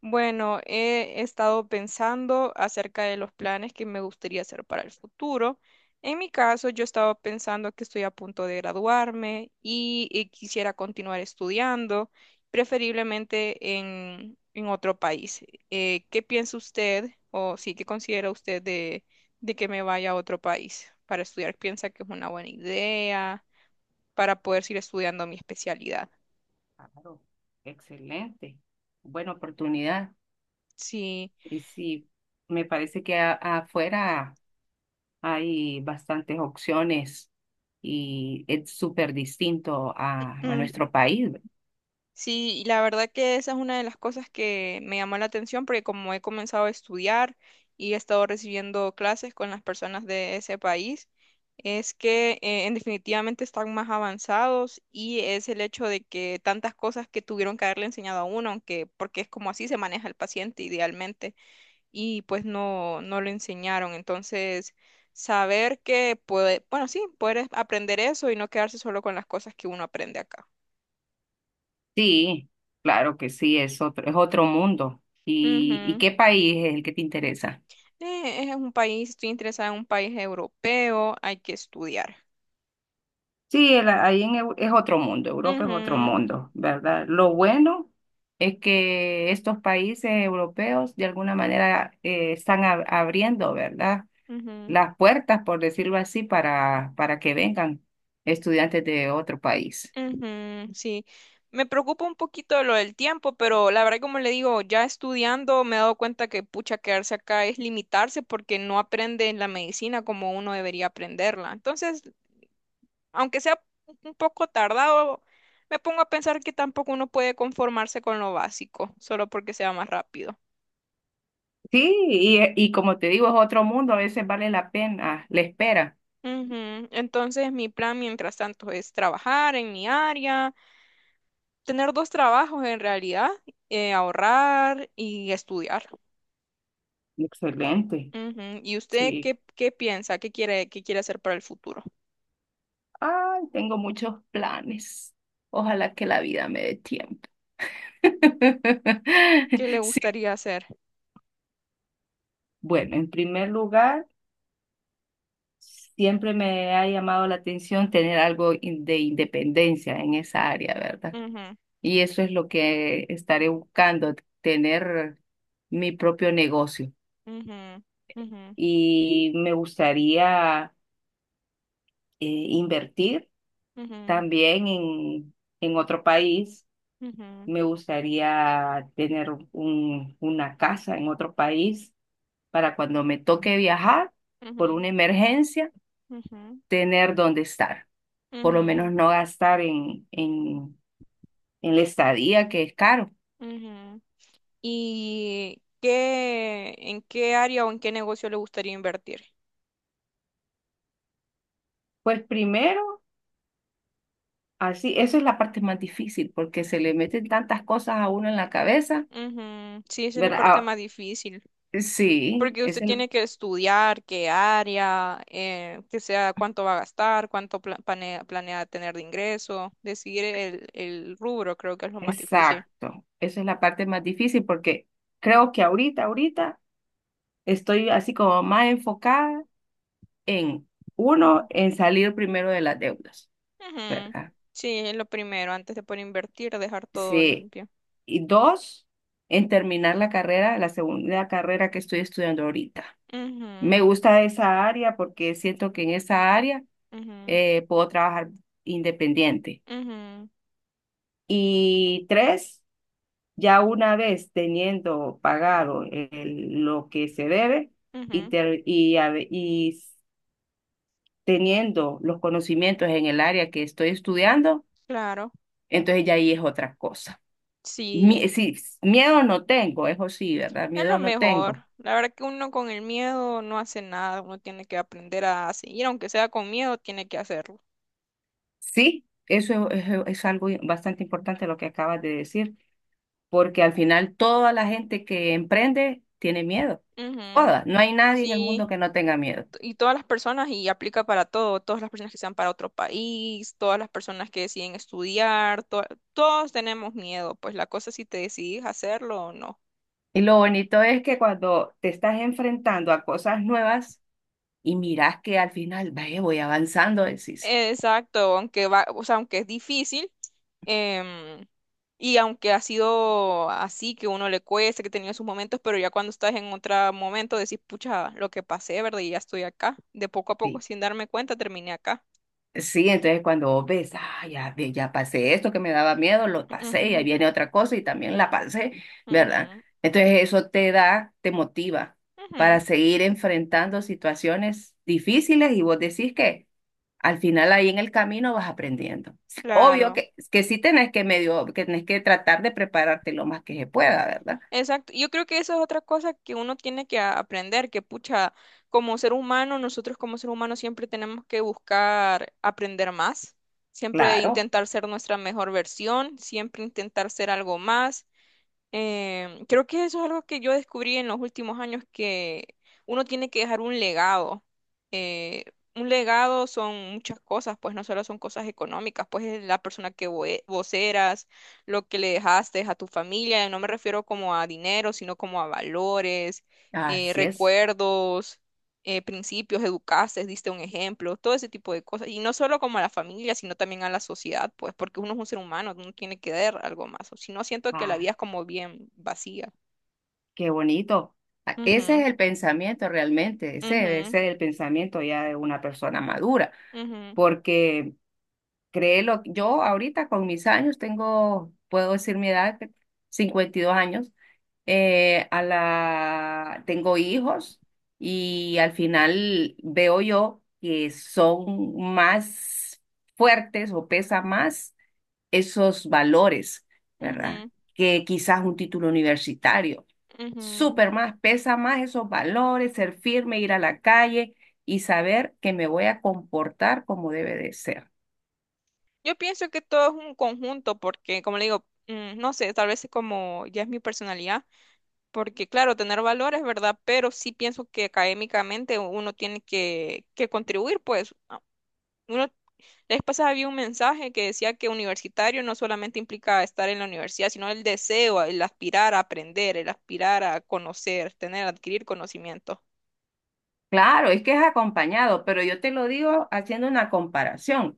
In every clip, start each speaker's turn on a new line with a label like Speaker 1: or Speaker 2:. Speaker 1: Bueno, he estado pensando acerca de los planes que me gustaría hacer para el futuro. En mi caso, yo estaba pensando que estoy a punto de graduarme y quisiera continuar estudiando, preferiblemente en otro país. ¿Qué piensa usted o sí, qué considera usted de que me vaya a otro país para estudiar? ¿Piensa que es una buena idea para poder seguir estudiando mi especialidad?
Speaker 2: Claro, excelente. Buena oportunidad.
Speaker 1: Sí.
Speaker 2: Y sí, me parece que afuera hay bastantes opciones y es súper distinto a
Speaker 1: Mm,
Speaker 2: nuestro país, ¿ve?
Speaker 1: sí, y la verdad que esa es una de las cosas que me llamó la atención porque como he comenzado a estudiar y he estado recibiendo clases con las personas de ese país, es que en definitivamente están más avanzados y es el hecho de que tantas cosas que tuvieron que haberle enseñado a uno, aunque porque es como así se maneja el paciente idealmente y pues no lo enseñaron, entonces saber que puede, bueno, sí, poder aprender eso y no quedarse solo con las cosas que uno aprende acá.
Speaker 2: Sí, claro que sí, es otro mundo. Y
Speaker 1: Ujú.
Speaker 2: qué país es el que te interesa?
Speaker 1: Es un país, estoy interesada en un país europeo, hay que estudiar.
Speaker 2: Sí, ahí en, es otro mundo, Europa es otro
Speaker 1: Ujú,
Speaker 2: mundo, ¿verdad? Lo bueno es que estos países europeos de alguna manera están abriendo, ¿verdad?
Speaker 1: ujú,
Speaker 2: Las puertas, por decirlo así, para que vengan estudiantes de otro país.
Speaker 1: ujú, sí, me preocupa un poquito lo del tiempo, pero la verdad, como le digo, ya estudiando me he dado cuenta que pucha, quedarse acá es limitarse porque no aprende la medicina como uno debería aprenderla. Entonces, aunque sea un poco tardado, me pongo a pensar que tampoco uno puede conformarse con lo básico, solo porque sea más rápido.
Speaker 2: Sí, y como te digo, es otro mundo, a veces vale la pena la espera.
Speaker 1: Ujú. Entonces, mi plan mientras tanto es trabajar en mi área, tener dos trabajos en realidad, ahorrar y estudiar.
Speaker 2: Excelente,
Speaker 1: Ujú. ¿Y usted
Speaker 2: sí.
Speaker 1: qué, qué piensa? Qué quiere hacer para el futuro?
Speaker 2: Ay, tengo muchos planes. Ojalá que la vida me dé tiempo.
Speaker 1: ¿Qué le
Speaker 2: Sí.
Speaker 1: gustaría hacer?
Speaker 2: Bueno, en primer lugar, siempre me ha llamado la atención tener algo de independencia en esa área, ¿verdad?
Speaker 1: Ujú,
Speaker 2: Y eso es lo que estaré buscando, tener mi propio negocio.
Speaker 1: ujú, ujú,
Speaker 2: Y me gustaría invertir
Speaker 1: ujú,
Speaker 2: también en otro país.
Speaker 1: ujú,
Speaker 2: Me gustaría tener una casa en otro país para cuando me toque viajar por
Speaker 1: ujú,
Speaker 2: una emergencia,
Speaker 1: ujú,
Speaker 2: tener dónde estar. Por lo menos
Speaker 1: ujú,
Speaker 2: no gastar en la estadía, que es caro.
Speaker 1: ujú. ¿Y qué, en qué área o en qué negocio le gustaría invertir?
Speaker 2: Pues primero así, eso es la parte más difícil, porque se le meten tantas cosas a uno en la cabeza,
Speaker 1: Ujú. Sí, esa es la
Speaker 2: ¿verdad?
Speaker 1: parte
Speaker 2: Ah,
Speaker 1: más difícil.
Speaker 2: sí,
Speaker 1: Porque
Speaker 2: es
Speaker 1: usted
Speaker 2: el,
Speaker 1: tiene que estudiar qué área, que sea cuánto va a gastar, planea, planea tener de ingreso, decidir el rubro creo que es lo más difícil.
Speaker 2: exacto, esa es la parte más difícil, porque creo que ahorita estoy así como más enfocada en, uno,
Speaker 1: Ujú.
Speaker 2: en salir primero de las deudas,
Speaker 1: Ujú.
Speaker 2: ¿verdad?
Speaker 1: Sí, es lo primero, antes de poder invertir, dejar todo
Speaker 2: Sí,
Speaker 1: limpio.
Speaker 2: y dos, en terminar la carrera, la segunda carrera que estoy estudiando ahorita.
Speaker 1: Ujú,
Speaker 2: Me gusta esa área porque siento que en esa área
Speaker 1: ujú,
Speaker 2: puedo trabajar independiente.
Speaker 1: ujú,
Speaker 2: Y tres, ya una vez teniendo pagado lo que se debe y,
Speaker 1: ujú.
Speaker 2: ter- y, a y teniendo los conocimientos en el área que estoy estudiando,
Speaker 1: Claro,
Speaker 2: entonces ya ahí es otra cosa.
Speaker 1: sí,
Speaker 2: Sí, miedo no tengo, eso sí, ¿verdad?
Speaker 1: es lo
Speaker 2: Miedo no tengo.
Speaker 1: mejor. La verdad que uno con el miedo no hace nada, uno tiene que aprender a seguir, aunque sea con miedo, tiene que hacerlo.
Speaker 2: Sí, eso es, es algo bastante importante lo que acabas de decir, porque al final toda la gente que emprende tiene miedo.
Speaker 1: Ujú,
Speaker 2: Toda, no hay nadie en el mundo
Speaker 1: sí,
Speaker 2: que no tenga miedo.
Speaker 1: y todas las personas y aplica para todo, todas las personas que sean para otro país, todas las personas que deciden estudiar, todos tenemos miedo, pues la cosa es si te decidís hacerlo o no.
Speaker 2: Y lo bonito es que cuando te estás enfrentando a cosas nuevas y miras que al final, ve voy avanzando, decís,
Speaker 1: Exacto, aunque va, o sea, aunque es difícil, em, y aunque ha sido así que uno le cuesta, que ha tenido sus momentos, pero ya cuando estás en otro momento decís, pucha, lo que pasé, ¿verdad? Y ya estoy acá. De poco a poco,
Speaker 2: sí,
Speaker 1: sin darme cuenta, terminé acá.
Speaker 2: sí, entonces cuando vos ves, ah, ya, ya pasé esto que me daba miedo, lo pasé y ahí
Speaker 1: Ujú,
Speaker 2: viene otra cosa y también la pasé, ¿verdad?
Speaker 1: ujú,
Speaker 2: Entonces eso te da, te motiva para
Speaker 1: ujú,
Speaker 2: seguir enfrentando situaciones difíciles y vos decís que al final ahí en el camino vas aprendiendo. Obvio
Speaker 1: claro.
Speaker 2: que sí tenés que medio, que tenés que tratar de prepararte lo más que se pueda, ¿verdad?
Speaker 1: Exacto. Yo creo que eso es otra cosa que uno tiene aprender, que pucha, como ser humano, nosotros como ser humano siempre tenemos que buscar aprender más, siempre
Speaker 2: Claro,
Speaker 1: intentar ser nuestra mejor versión, siempre intentar ser algo más. Creo que eso es algo que yo descubrí en los últimos años, que uno tiene que dejar un legado. Eh, un legado son muchas cosas, pues no solo son cosas económicas, pues es la persona vos eras, lo que le dejaste a tu familia, y no me refiero como a dinero, sino como a valores,
Speaker 2: así es.
Speaker 1: recuerdos, principios, educaste, diste un ejemplo, todo ese tipo de cosas. Y no solo como a la familia, sino también a la sociedad, pues, porque uno es un ser humano, uno tiene que dar algo más. O si no, siento que la
Speaker 2: Ah,
Speaker 1: vida es como bien vacía.
Speaker 2: qué bonito. Ah, ese
Speaker 1: Ujú,
Speaker 2: es el pensamiento realmente, ese debe
Speaker 1: ujú,
Speaker 2: ser el pensamiento ya de una persona madura,
Speaker 1: ujú,
Speaker 2: porque créelo, yo ahorita con mis años tengo, puedo decir mi edad, que 52 años, a la, tengo hijos y al final veo yo que son más fuertes o pesa más esos valores, ¿verdad?
Speaker 1: ujú,
Speaker 2: Que quizás un título universitario.
Speaker 1: ujú.
Speaker 2: Súper más, pesa más esos valores, ser firme, ir a la calle y saber que me voy a comportar como debe de ser.
Speaker 1: Yo pienso que todo es un conjunto, porque, como le digo, mm, no sé, tal vez es como ya es mi personalidad, porque claro, tener valores, ¿verdad? Pero sí pienso que académicamente uno tiene que contribuir, pues, a- uno. La vez pasada había un mensaje que decía que universitario no solamente implica estar en la universidad, sino el deseo, el aspirar a aprender, el aspirar a conocer, tener, adquirir conocimiento.
Speaker 2: Claro, es que es acompañado, pero yo te lo digo haciendo una comparación.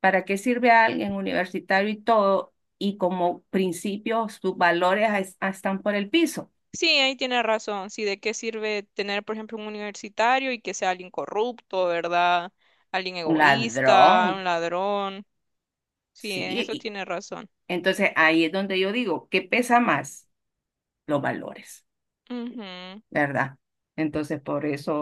Speaker 2: ¿Para qué sirve a alguien universitario y todo? Y como principio, sus valores ah, están por el piso.
Speaker 1: Sí, ahí tiene razón. Sí, ¿de qué sirve tener, por ejemplo, un universitario y que sea alguien corrupto, ¿verdad? Alguien
Speaker 2: Un
Speaker 1: egoísta, un
Speaker 2: ladrón,
Speaker 1: ladrón. Sí,
Speaker 2: sí.
Speaker 1: en eso
Speaker 2: y-
Speaker 1: tiene razón.
Speaker 2: Entonces ahí es donde yo digo, ¿qué pesa más? Los valores.
Speaker 1: Ujú,
Speaker 2: ¿Verdad? Entonces, por eso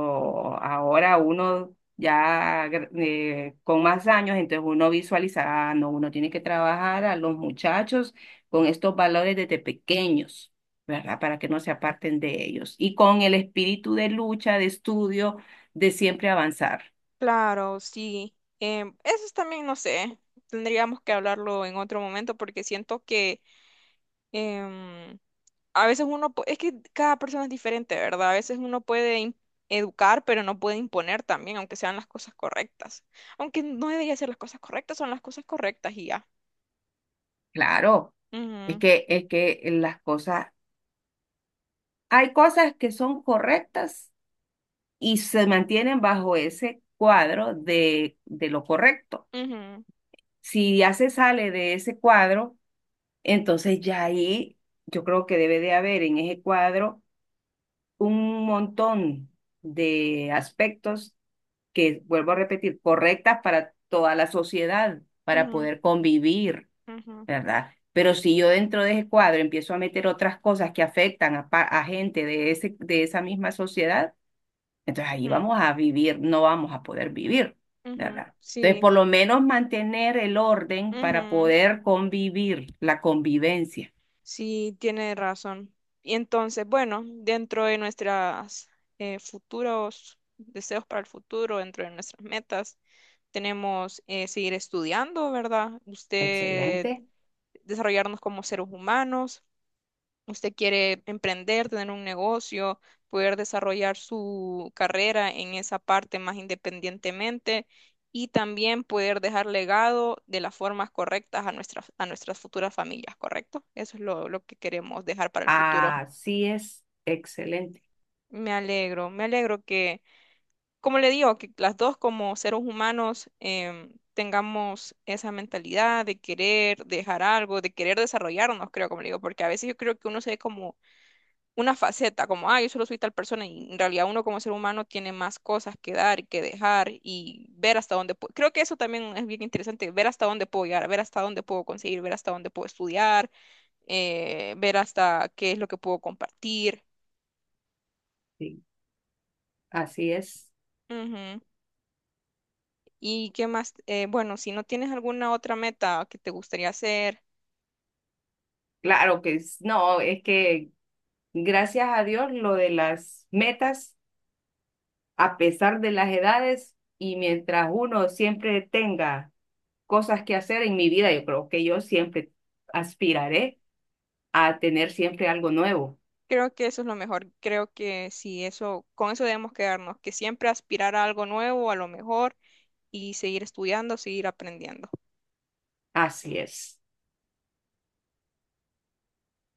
Speaker 2: ahora uno ya con más años, entonces uno visualiza, ah, no, uno tiene que trabajar a los muchachos con estos valores desde pequeños, ¿verdad? Para que no se aparten de ellos. Y con el espíritu de lucha, de estudio, de siempre avanzar.
Speaker 1: claro, sí. Eso es también, no sé, tendríamos que hablarlo en otro momento porque siento que a veces uno, es que cada persona es diferente, ¿verdad? A veces uno educar, pero no puede imponer también, aunque sean las cosas correctas. Aunque no debería ser las cosas correctas, son las cosas correctas y ya.
Speaker 2: Claro,
Speaker 1: Ujú,
Speaker 2: es que las cosas, hay cosas que son correctas y se mantienen bajo ese cuadro de lo correcto.
Speaker 1: ujú,
Speaker 2: Si ya se sale de ese cuadro, entonces ya ahí yo creo que debe de haber en ese cuadro un montón de aspectos que, vuelvo a repetir, correctas para toda la sociedad, para
Speaker 1: ujú,
Speaker 2: poder convivir,
Speaker 1: ujú,
Speaker 2: ¿verdad? Pero si yo dentro de ese cuadro empiezo a meter otras cosas que afectan a, a gente de ese, de esa misma sociedad, entonces ahí vamos a vivir, no vamos a poder vivir,
Speaker 1: ujú, ujú.
Speaker 2: ¿verdad? Entonces,
Speaker 1: Sí,
Speaker 2: por lo menos mantener el orden para
Speaker 1: ujú.
Speaker 2: poder convivir, la convivencia.
Speaker 1: Sí, tiene razón. Y entonces, bueno, dentro de nuestras futuros deseos para el futuro, dentro de nuestras metas, tenemos seguir estudiando, ¿verdad? Usted
Speaker 2: Excelente.
Speaker 1: desarrollarnos como seres humanos, usted quiere emprender, tener un negocio, poder desarrollar su carrera en esa parte más independientemente y también poder dejar legado de las formas correctas a nuestras futuras familias, ¿correcto? Eso es lo que queremos dejar para el futuro.
Speaker 2: Así es, excelente.
Speaker 1: Me alegro que como le digo, que las dos como seres humanos tengamos esa mentalidad de querer dejar algo, de querer desarrollarnos, creo, como le digo, porque a veces yo creo que uno se ve como una faceta, como, ah, yo solo soy tal persona, y en realidad uno como ser humano tiene más cosas que dar y que dejar y ver hasta dónde puedo. Creo que eso también es bien interesante, ver hasta dónde puedo llegar, ver hasta dónde puedo conseguir, ver hasta dónde puedo estudiar, ver hasta qué es lo que puedo compartir.
Speaker 2: Sí, así es.
Speaker 1: Ujú. ¿Y qué más? Bueno, si no tienes alguna otra meta que te gustaría hacer,
Speaker 2: Claro que no, es que gracias a Dios lo de las metas, a pesar de las edades y mientras uno siempre tenga cosas que hacer en mi vida, yo creo que yo siempre aspiraré a tener siempre algo nuevo.
Speaker 1: creo que eso es lo mejor. Creo que si eso, con eso debemos quedarnos, que siempre aspirar a algo nuevo, a lo mejor, y seguir estudiando, seguir aprendiendo.
Speaker 2: Así es.